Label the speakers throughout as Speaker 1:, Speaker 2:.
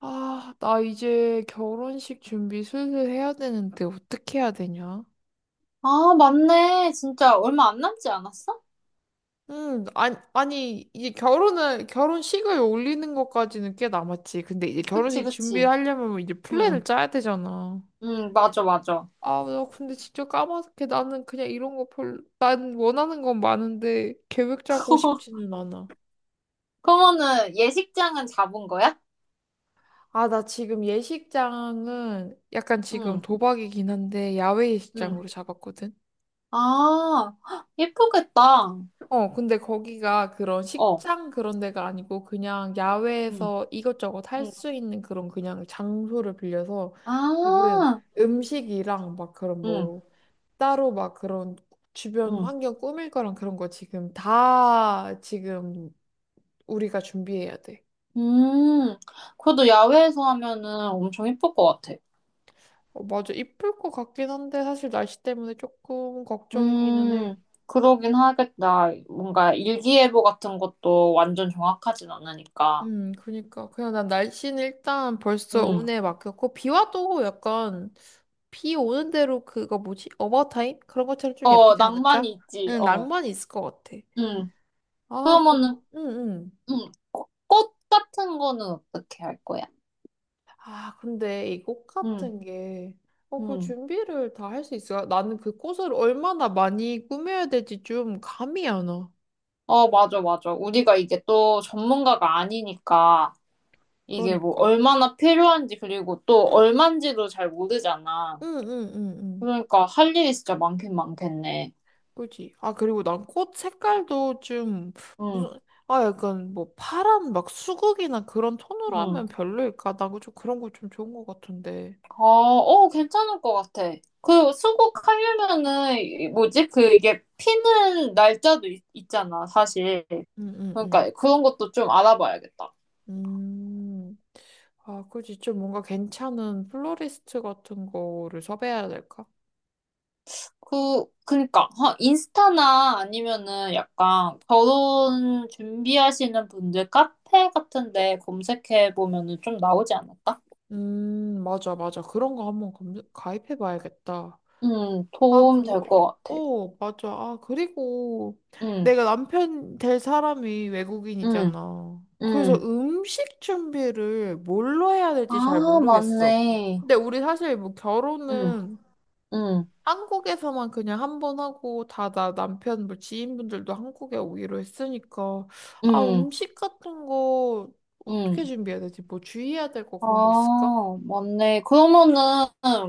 Speaker 1: 아, 나 이제 결혼식 준비 슬슬 해야 되는데 어떻게 해야 되냐?
Speaker 2: 아, 맞네. 진짜 얼마 안 남지 않았어?
Speaker 1: 아니, 아니, 이제 결혼식을 올리는 것까지는 꽤 남았지. 근데 이제
Speaker 2: 그치,
Speaker 1: 결혼식
Speaker 2: 그치.
Speaker 1: 준비하려면 이제
Speaker 2: 응,
Speaker 1: 플랜을 짜야 되잖아.
Speaker 2: 응, 맞아, 맞아.
Speaker 1: 아, 나 근데 진짜 까맣게 나는 그냥 이런 거 난 원하는 건 많은데 계획 짜고 싶지는 않아.
Speaker 2: 그러면은 예식장은 잡은 거야?
Speaker 1: 아, 나 지금 예식장은 약간 지금
Speaker 2: 응,
Speaker 1: 도박이긴 한데 야외
Speaker 2: 응.
Speaker 1: 예식장으로 잡았거든.
Speaker 2: 아, 헉, 예쁘겠다.
Speaker 1: 어, 근데 거기가 그런
Speaker 2: 어,
Speaker 1: 식장 그런 데가 아니고 그냥
Speaker 2: 응,
Speaker 1: 야외에서 이것저것 할
Speaker 2: 응.
Speaker 1: 수 있는 그런 그냥 장소를 빌려서 지금
Speaker 2: 아,
Speaker 1: 음식이랑 막 그런
Speaker 2: 응,
Speaker 1: 뭐 따로 막 그런 주변
Speaker 2: 응.
Speaker 1: 환경 꾸밀 거랑 그런 거 지금 다 지금 우리가 준비해야 돼.
Speaker 2: 음, 그래도 야외에서 하면은 엄청 예쁠 것 같아.
Speaker 1: 어, 맞아. 이쁠 것 같긴 한데 사실 날씨 때문에 조금 걱정이기는
Speaker 2: 음,
Speaker 1: 해.
Speaker 2: 그러긴 하겠다. 뭔가 일기예보 같은 것도 완전 정확하진 않으니까.
Speaker 1: 그니까. 그냥 난 날씨는 일단 벌써
Speaker 2: 응.
Speaker 1: 운에 맡겼고, 비 와도 약간, 비 오는 대로 그거 뭐지? 어바웃타임? 그런 것처럼 좀
Speaker 2: 어,
Speaker 1: 예쁘지
Speaker 2: 낭만이
Speaker 1: 않을까?
Speaker 2: 있지.
Speaker 1: 응,
Speaker 2: 어.
Speaker 1: 낭만이 있을 것 같아.
Speaker 2: 응.
Speaker 1: 아,
Speaker 2: 그러면은,
Speaker 1: 응, 응.
Speaker 2: 꽃꽃 같은 거는 어떻게 할 거야?
Speaker 1: 아, 근데 이 꽃
Speaker 2: 음,
Speaker 1: 같은 게, 그
Speaker 2: 음.
Speaker 1: 준비를 다 할 수 있어? 나는 그 꽃을 얼마나 많이 꾸며야 될지 좀 감이 안 와.
Speaker 2: 어, 맞아, 맞아. 우리가 이게 또 전문가가 아니니까 이게 뭐
Speaker 1: 그러니까.
Speaker 2: 얼마나 필요한지 그리고 또 얼만지도 잘 모르잖아.
Speaker 1: 응, 응, 응, 응.
Speaker 2: 그러니까 할 일이 진짜 많긴 많겠네.
Speaker 1: 그지? 아, 그리고 난 꽃 색깔도 좀, 무슨,
Speaker 2: 응,
Speaker 1: 아, 약간 뭐 파란 막 수국이나 그런 톤으로
Speaker 2: 응.
Speaker 1: 하면 별로일까? 나도 좀 그런 거 좀 좋은 것 같은데.
Speaker 2: 어, 어, 괜찮을 것 같아. 그 수국하려면은 뭐지? 그 이게 피는 날짜도 있잖아, 사실.
Speaker 1: 응, 응, 응.
Speaker 2: 그러니까 그런 것도 좀 알아봐야겠다.
Speaker 1: 음, 아, 그지? 좀 뭔가 괜찮은 플로리스트 같은 거를 섭외해야 될까?
Speaker 2: 그니까, 하 인스타나 아니면은 약간 결혼 준비하시는 분들 카페 같은데 검색해 보면은 좀 나오지 않을까?
Speaker 1: 맞아, 맞아. 그런 거 한번 검 가입해 봐야겠다. 아,
Speaker 2: 도움 될 것 같아.
Speaker 1: 맞아. 아, 그리고
Speaker 2: 음,
Speaker 1: 내가 남편 될 사람이
Speaker 2: 음,
Speaker 1: 외국인이잖아. 그래서
Speaker 2: 음.
Speaker 1: 음식 준비를 뭘로 해야 될지 잘
Speaker 2: 아,
Speaker 1: 모르겠어.
Speaker 2: 맞네.
Speaker 1: 근데 우리 사실 뭐
Speaker 2: 음,
Speaker 1: 결혼은
Speaker 2: 음,
Speaker 1: 한국에서만 그냥 한번 하고 다 나 남편 뭐 지인분들도 한국에 오기로 했으니까 아,
Speaker 2: 음,
Speaker 1: 음식 같은 거 어떻게
Speaker 2: 음.
Speaker 1: 준비해야 되지? 뭐 주의해야 될 거 그런 거
Speaker 2: 아,
Speaker 1: 있을까?
Speaker 2: 맞네. 그러면은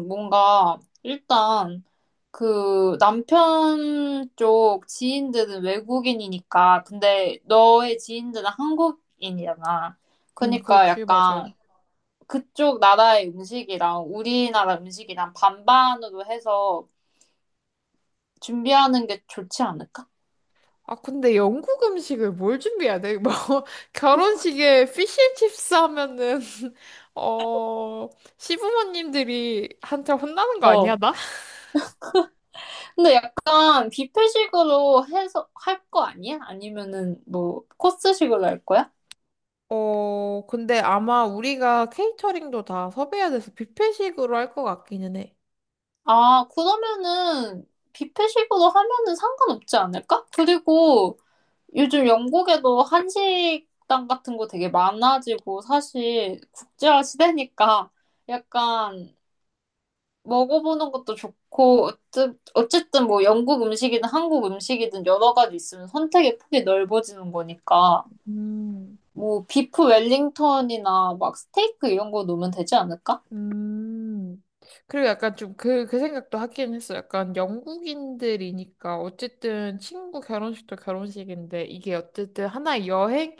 Speaker 2: 뭔가 일단 그 남편 쪽 지인들은 외국인이니까 근데 너의 지인들은 한국인이잖아.
Speaker 1: 응,
Speaker 2: 그러니까
Speaker 1: 그렇지, 맞아.
Speaker 2: 약간 그쪽 나라의 음식이랑 우리나라 음식이랑 반반으로 해서 준비하는 게 좋지 않을까?
Speaker 1: 아, 근데 영국 음식을 뭘 준비해야 돼? 뭐, 결혼식에 피쉬앤칩스 하면은, 어, 시부모님들이 한테 혼나는 거 아니야,
Speaker 2: 어.
Speaker 1: 나?
Speaker 2: 근데 약간 뷔페식으로 해서 할 거 아니야? 아니면은 뭐 코스식으로 할 거야?
Speaker 1: 어, 근데 아마 우리가 케이터링도 다 섭외해야 돼서 뷔페식으로 할 것 같기는 해.
Speaker 2: 아, 그러면은 뷔페식으로 하면은 상관없지 않을까? 그리고 요즘 영국에도 한식당 같은 거 되게 많아지고 사실 국제화 시대니까 약간 먹어보는 것도 좋고 어쨌든 뭐 영국 음식이든 한국 음식이든 여러 가지 있으면 선택의 폭이 넓어지는 거니까
Speaker 1: 음.
Speaker 2: 뭐 비프 웰링턴이나 막 스테이크 이런 거 넣으면 되지 않을까?
Speaker 1: 음. 그리고 약간 좀 그 생각도 하긴 했어. 약간 영국인들이니까 어쨌든 친구 결혼식도 결혼식인데 이게 어쨌든 하나의 여행이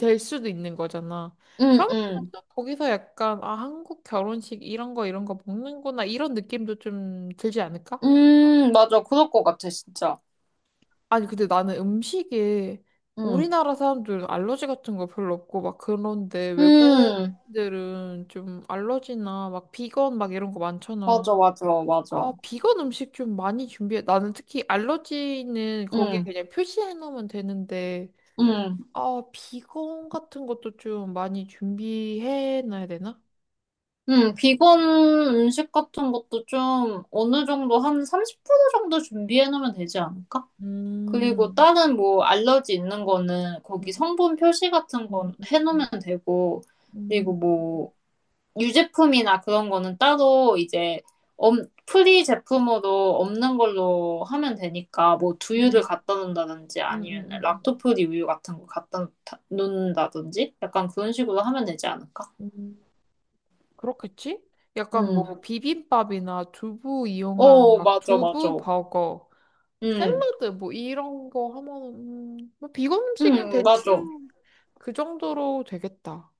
Speaker 1: 될 수도 있는 거잖아.
Speaker 2: 응,
Speaker 1: 그러면
Speaker 2: 응.
Speaker 1: 또 거기서 약간 아, 한국 결혼식 이런 거 이런 거 먹는구나 이런 느낌도 좀 들지 않을까?
Speaker 2: 맞아. 그럴 것 같아, 진짜.
Speaker 1: 아니, 근데 나는 음식에
Speaker 2: 응.
Speaker 1: 우리나라 사람들은 알러지 같은 거 별로 없고 막 그런데 외국
Speaker 2: 음,
Speaker 1: 인 들은 좀 알러지나 막 비건 막 이런 거 많잖아.
Speaker 2: 맞아, 맞아, 맞아.
Speaker 1: 아, 비건 음식 좀 많이 준비해. 나는 특히 알러지는 거기에
Speaker 2: 응,
Speaker 1: 그냥 표시해 놓으면 되는데,
Speaker 2: 응.
Speaker 1: 아, 비건 같은 것도 좀 많이 준비해 놔야 되나?
Speaker 2: 비건 음식 같은 것도 좀 어느 정도 한 30% 정도 준비해 놓으면 되지 않을까? 그리고
Speaker 1: 음,
Speaker 2: 다른 뭐 알러지 있는 거는 거기
Speaker 1: 음,
Speaker 2: 성분 표시 같은
Speaker 1: 음,
Speaker 2: 건
Speaker 1: 음,
Speaker 2: 해 놓으면 되고,
Speaker 1: 음,
Speaker 2: 그리고 뭐 유제품이나 그런 거는 따로 이제 프리 제품으로 없는 걸로 하면 되니까 뭐
Speaker 1: 음,
Speaker 2: 두유를 갖다 놓는다든지
Speaker 1: 음, 음,
Speaker 2: 아니면
Speaker 1: 음, 음,
Speaker 2: 락토프리 우유 같은 거 갖다 놓는다든지 약간 그런 식으로 하면 되지 않을까?
Speaker 1: 음. 그렇겠지? 약간 뭐
Speaker 2: 음.
Speaker 1: 비빔밥이나 두부 이용한
Speaker 2: 어,
Speaker 1: 막
Speaker 2: 맞아, 맞아.
Speaker 1: 두부 버거,
Speaker 2: 응,
Speaker 1: 샐러드 뭐 이런 거 하면, 뭐 비건 음식은
Speaker 2: 응, 맞아.
Speaker 1: 대충 그 정도로 되겠다.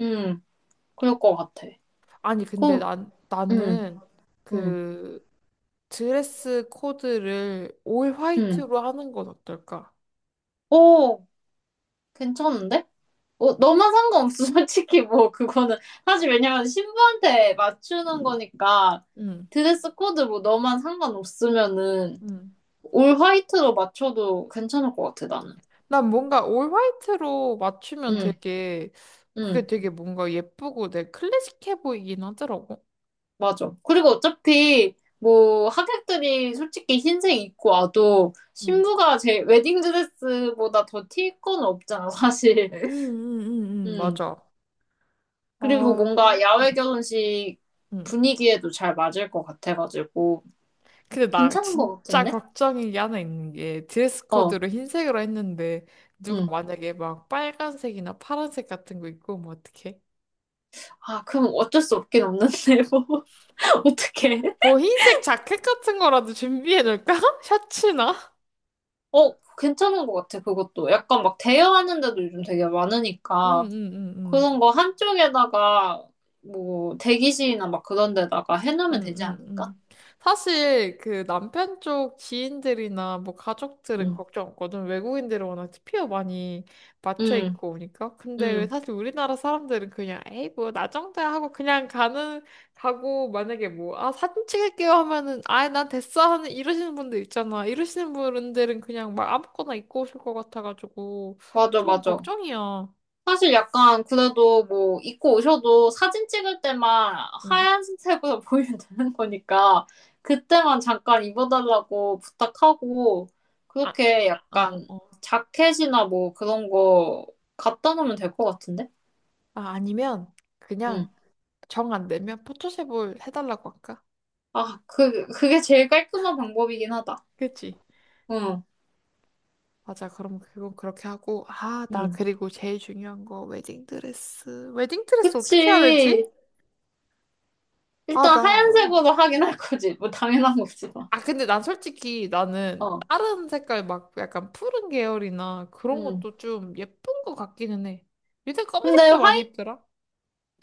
Speaker 2: 응, 그럴 것 같아.
Speaker 1: 아니, 근데
Speaker 2: 그럼, 응,
Speaker 1: 나는
Speaker 2: 응,
Speaker 1: 그 드레스 코드를 올
Speaker 2: 응.
Speaker 1: 화이트로 하는 건 어떨까?
Speaker 2: 오, 괜찮은데? 어, 너만 상관없어. 솔직히 뭐, 그거는. 사실 왜냐면 신부한테 맞추는 거니까
Speaker 1: 응,
Speaker 2: 드레스 코드 뭐 너만 상관없으면은
Speaker 1: 응.
Speaker 2: 올 화이트로 맞춰도 괜찮을 것 같아, 나는.
Speaker 1: 난 뭔가 올 화이트로 맞추면
Speaker 2: 응,
Speaker 1: 되게, 그게
Speaker 2: 응,
Speaker 1: 되게 뭔가 예쁘고 내 클래식해 보이긴 하더라고.
Speaker 2: 맞아. 그리고 어차피 뭐 하객들이 솔직히 흰색 입고 와도
Speaker 1: 응,
Speaker 2: 신부가 제 웨딩 드레스보다 더 튈 건 없잖아, 사실.
Speaker 1: 응, 응, 응, 응,
Speaker 2: 음.
Speaker 1: 맞아.
Speaker 2: 그리고 뭔가
Speaker 1: 아,
Speaker 2: 야외 결혼식
Speaker 1: 응.
Speaker 2: 분위기에도 잘 맞을 것 같아가지고.
Speaker 1: 근데 나
Speaker 2: 괜찮은 것
Speaker 1: 진짜
Speaker 2: 같은데?
Speaker 1: 걱정이 하나 있는 게 드레스
Speaker 2: 어,
Speaker 1: 코드로 흰색으로 했는데 누가
Speaker 2: 응.
Speaker 1: 만약에 막 빨간색이나 파란색 같은 거 입고 오면 어떡해?
Speaker 2: 아, 그럼 어쩔 수 없긴 없는데, 뭐. 어떡해.
Speaker 1: 뭐 흰색 자켓 같은 거라도 준비해둘까 셔츠나?
Speaker 2: 어, 괜찮은 것 같아, 그것도. 약간 막 대여하는 데도 요즘 되게 많으니까.
Speaker 1: 응응응응.
Speaker 2: 그런 거 한쪽에다가, 뭐, 대기실이나 막 그런 데다가 해놓으면 되지 않을까?
Speaker 1: 응응응. 사실 그 남편 쪽 지인들이나 뭐 가족들은
Speaker 2: 응
Speaker 1: 걱정 없거든. 외국인들은 워낙 티피어 많이 맞춰
Speaker 2: 응,
Speaker 1: 입고 오니까. 근데 왜
Speaker 2: 응.
Speaker 1: 사실 우리나라 사람들은 그냥 에이 뭐 나 정도야 하고 그냥 가는 가고 만약에 뭐 아 사진 찍을게요 하면은 아이 난 됐어 하는 이러시는 분들 있잖아. 이러시는 분들은 그냥 막 아무거나 입고 오실 것 같아가지고
Speaker 2: 맞아,
Speaker 1: 좀
Speaker 2: 맞아.
Speaker 1: 걱정이야.
Speaker 2: 사실 약간 그래도 뭐 입고 오셔도 사진 찍을 때만
Speaker 1: 응.
Speaker 2: 하얀색으로 보이면 되는 거니까 그때만 잠깐 입어달라고 부탁하고
Speaker 1: 아,
Speaker 2: 그렇게
Speaker 1: 어,
Speaker 2: 약간
Speaker 1: 어.
Speaker 2: 자켓이나 뭐 그런 거 갖다 놓으면 될 것 같은데?
Speaker 1: 아, 아니면
Speaker 2: 응.
Speaker 1: 그냥 정 안 되면 포토샵을 해달라고 할까?
Speaker 2: 아, 그게 제일 깔끔한 방법이긴 하다.
Speaker 1: 그치?
Speaker 2: 응,
Speaker 1: 맞아. 그럼 그건 그렇게 하고. 아, 나
Speaker 2: 응.
Speaker 1: 그리고 제일 중요한 거 웨딩 드레스. 웨딩 드레스 어떻게 해야 되지?
Speaker 2: 그치.
Speaker 1: 아,
Speaker 2: 일단
Speaker 1: 나. 어.
Speaker 2: 하얀색으로 하긴 할 거지. 뭐 당연한 거지만.
Speaker 1: 아, 근데 난 솔직히 나는
Speaker 2: 어,
Speaker 1: 다른 색깔 막 약간 푸른 계열이나 그런
Speaker 2: 응.
Speaker 1: 것도 좀 예쁜 것 같기는 해. 요새
Speaker 2: 근데
Speaker 1: 검은색도 많이
Speaker 2: 화
Speaker 1: 입더라.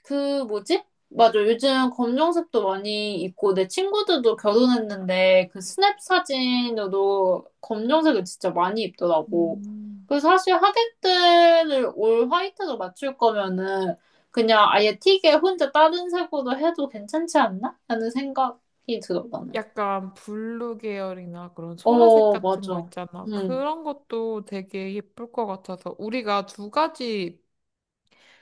Speaker 2: 그 뭐지? 맞아. 요즘 검정색도 많이 있고 내 친구들도 결혼했는데 그 스냅 사진으로 검정색을 진짜 많이 입더라고.
Speaker 1: 음.
Speaker 2: 그래서 사실 하객들을 올 화이트로 맞출 거면은 그냥 아예 틱에 혼자 다른 색으로 해도 괜찮지 않나? 하는 생각이 들어 나는.
Speaker 1: 약간 블루 계열이나 그런 소라색
Speaker 2: 어,
Speaker 1: 같은 거
Speaker 2: 맞아.
Speaker 1: 있잖아.
Speaker 2: 응.
Speaker 1: 그런 것도 되게 예쁠 것 같아서 우리가 두 가지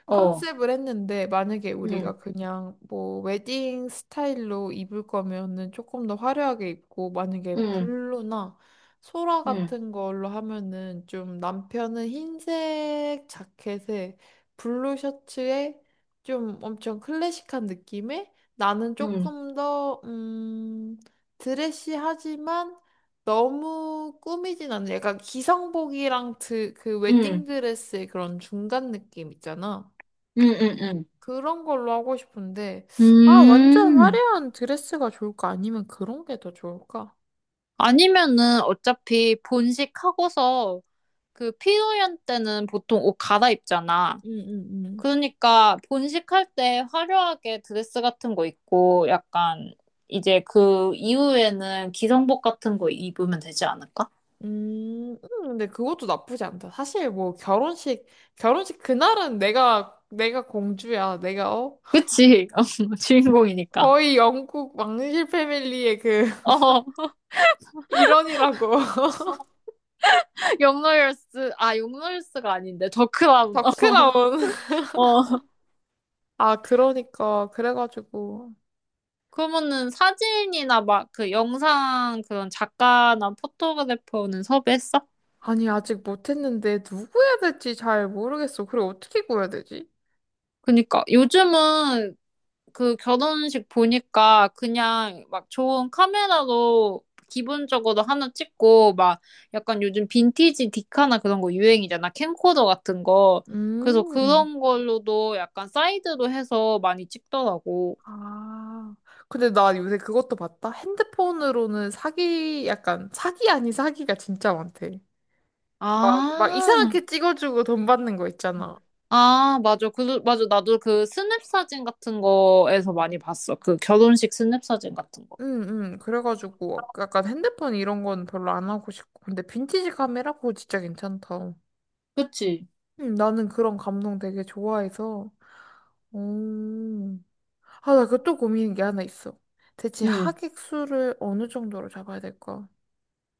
Speaker 2: 어.
Speaker 1: 컨셉을 했는데 만약에
Speaker 2: 응.
Speaker 1: 우리가 그냥 뭐 웨딩 스타일로 입을 거면은 조금 더 화려하게 입고 만약에
Speaker 2: 응.
Speaker 1: 블루나 소라
Speaker 2: 응.
Speaker 1: 같은 걸로 하면은 좀 남편은 흰색 자켓에 블루 셔츠에 좀 엄청 클래식한 느낌에 나는
Speaker 2: 응.
Speaker 1: 조금 더, 드레시하지만 너무 꾸미진 않는 약간 기성복이랑 그
Speaker 2: 응. 응.
Speaker 1: 웨딩드레스의 그런 중간 느낌 있잖아.
Speaker 2: 응. 응. 응.
Speaker 1: 그런 걸로 하고 싶은데, 아, 완전
Speaker 2: 음.
Speaker 1: 화려한 드레스가 좋을까? 아니면 그런 게 더 좋을까?
Speaker 2: 아니면은 어차피 본식하고서 그 피노연 때는 보통 옷 갈아입잖아.
Speaker 1: 음, 음, 음,
Speaker 2: 그러니까 본식할 때 화려하게 드레스 같은 거 입고 약간 이제 그 이후에는 기성복 같은 거 입으면 되지 않을까?
Speaker 1: 근데 그것도 나쁘지 않다. 사실 뭐 결혼식 그날은 내가 공주야. 내가, 어?
Speaker 2: 그치? 어, 주인공이니까.
Speaker 1: 거의 영국 왕실 패밀리의
Speaker 2: 어,
Speaker 1: 일원이라고.
Speaker 2: 용노열스, 아, 용노열스가 아닌데, 더크라운.
Speaker 1: 덕크라운.
Speaker 2: 어, 어.
Speaker 1: 아, 그러니까. 그래가지고.
Speaker 2: 그러면은 사진이나 막 그 영상 그런 작가나 포토그래퍼는 섭외했어?
Speaker 1: 아니, 아직 못했는데, 누구 해야 될지 잘 모르겠어. 그리고 어떻게 구해야 되지?
Speaker 2: 그니까 요즘은 그 결혼식 보니까 그냥 막 좋은 카메라로 기본적으로 하나 찍고 막 약간 요즘 빈티지 디카나 그런 거 유행이잖아. 캠코더 같은 거. 그래서
Speaker 1: 음.
Speaker 2: 그런 걸로도 약간 사이드로 해서 많이 찍더라고.
Speaker 1: 아, 근데 나 요새 그것도 봤다. 핸드폰으로는 사기, 약간 사기 아닌 사기가 진짜 많대. 막
Speaker 2: 아,
Speaker 1: 이상하게 찍어주고 돈 받는 거 있잖아.
Speaker 2: 아, 맞아. 맞아. 나도 그 스냅 사진 같은 거에서 많이 봤어. 그 결혼식 스냅 사진 같은 거.
Speaker 1: 응, 응. 그래가지고 약간 핸드폰 이런 건 별로 안 하고 싶고. 근데 빈티지 카메라 그거 진짜 괜찮다.
Speaker 2: 그치?
Speaker 1: 응, 나는 그런 감성 되게 좋아해서. 오. 아, 나 그것도 고민인 게 하나 있어. 대체
Speaker 2: 응.
Speaker 1: 하객 수를 어느 정도로 잡아야 될까?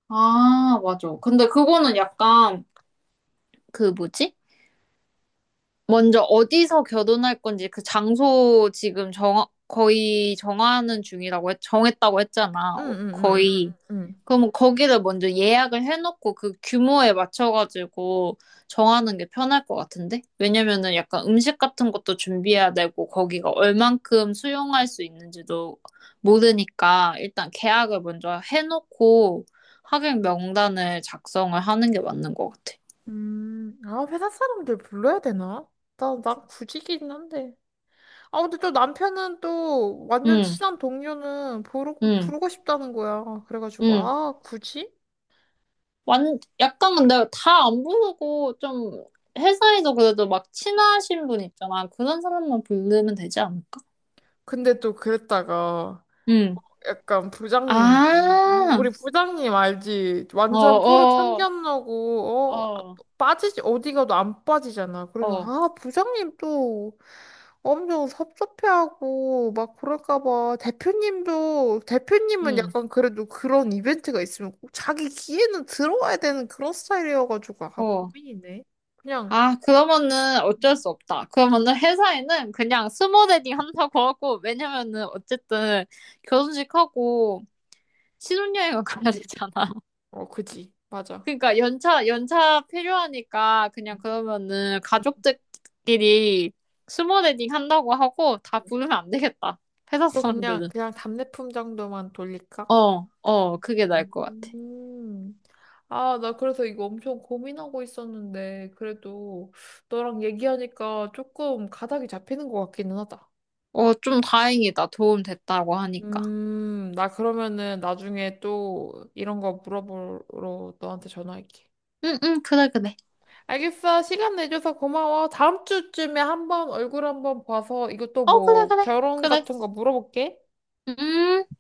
Speaker 2: 아, 맞아. 근데 그거는 약간 그 뭐지? 먼저 어디서 결혼할 건지 그 장소 지금 거의 정하는 중이라고, 정했다고 했잖아.
Speaker 1: 응,
Speaker 2: 어,
Speaker 1: 응, 응, 응.
Speaker 2: 거의.
Speaker 1: 응.
Speaker 2: 그럼 거기를 먼저 예약을 해놓고 그 규모에 맞춰가지고 정하는 게 편할 것 같은데? 왜냐면은 약간 음식 같은 것도 준비해야 되고 거기가 얼만큼 수용할 수 있는지도 모르니까 일단 계약을 먼저 해놓고 하객 명단을 작성을 하는 게 맞는 것 같아.
Speaker 1: 아, 회사 사람들 불러야 되나? 난 굳이긴 한데. 아, 근데 또 남편은 또 완전
Speaker 2: 응,
Speaker 1: 친한 동료는
Speaker 2: 응,
Speaker 1: 부르고 싶다는 거야. 그래가지고,
Speaker 2: 응.
Speaker 1: 아, 굳이?
Speaker 2: 약간 근데 다 안 부르고 좀 회사에서 그래도 막 친하신 분 있잖아. 그런 사람만 부르면 되지 않을까?
Speaker 1: 근데 또 그랬다가,
Speaker 2: 응.
Speaker 1: 약간 부장님이 어?
Speaker 2: 아,
Speaker 1: 우리 부장님 알지?
Speaker 2: 어,
Speaker 1: 완전 프로
Speaker 2: 어,
Speaker 1: 참견하고
Speaker 2: 어,
Speaker 1: 빠지지 어디 가도 안 빠지잖아.
Speaker 2: 어,
Speaker 1: 그래서
Speaker 2: 어,
Speaker 1: 아 부장님 또 엄청 섭섭해하고 막 그럴까 봐 대표님도 대표님은
Speaker 2: 응,
Speaker 1: 약간 그래도 그런 이벤트가 있으면 꼭 자기 기회는 들어와야 되는 그런 스타일이어가지고 아
Speaker 2: 어.
Speaker 1: 고민이네. 그냥
Speaker 2: 아, 그러면은 어쩔 수 없다. 그러면은 회사에는 그냥 스몰 웨딩 한다고 하고, 왜냐면은 어쨌든 결혼식 하고 신혼여행을 가야 되잖아.
Speaker 1: 어 그지 맞아.
Speaker 2: 그러니까 연차 필요하니까 그냥
Speaker 1: 응,
Speaker 2: 그러면은
Speaker 1: 응,
Speaker 2: 가족들끼리 스몰 웨딩 한다고 하고 다
Speaker 1: 응.
Speaker 2: 부르면 안 되겠다. 회사
Speaker 1: 그럼 그냥
Speaker 2: 사람들은.
Speaker 1: 답례품 정도만 돌릴까?
Speaker 2: 어, 어, 그게 나을 것 같아.
Speaker 1: 음. 아, 나 그래서 이거 엄청 고민하고 있었는데, 그래도 너랑 얘기하니까 조금 가닥이 잡히는 것 같기는 하다.
Speaker 2: 어, 좀 다행이다. 도움 됐다고 하니까.
Speaker 1: 나 그러면은 나중에 또 이런 거 물어보러 너한테 전화할게.
Speaker 2: 응, 응, 그래, 그래.
Speaker 1: 알겠어. 시간 내줘서 고마워. 다음 주쯤에 한번 얼굴 한번 봐서 이것도
Speaker 2: 어, 그래,
Speaker 1: 뭐
Speaker 2: 그래.
Speaker 1: 결혼
Speaker 2: 그래.
Speaker 1: 같은 거 물어볼게.
Speaker 2: 음.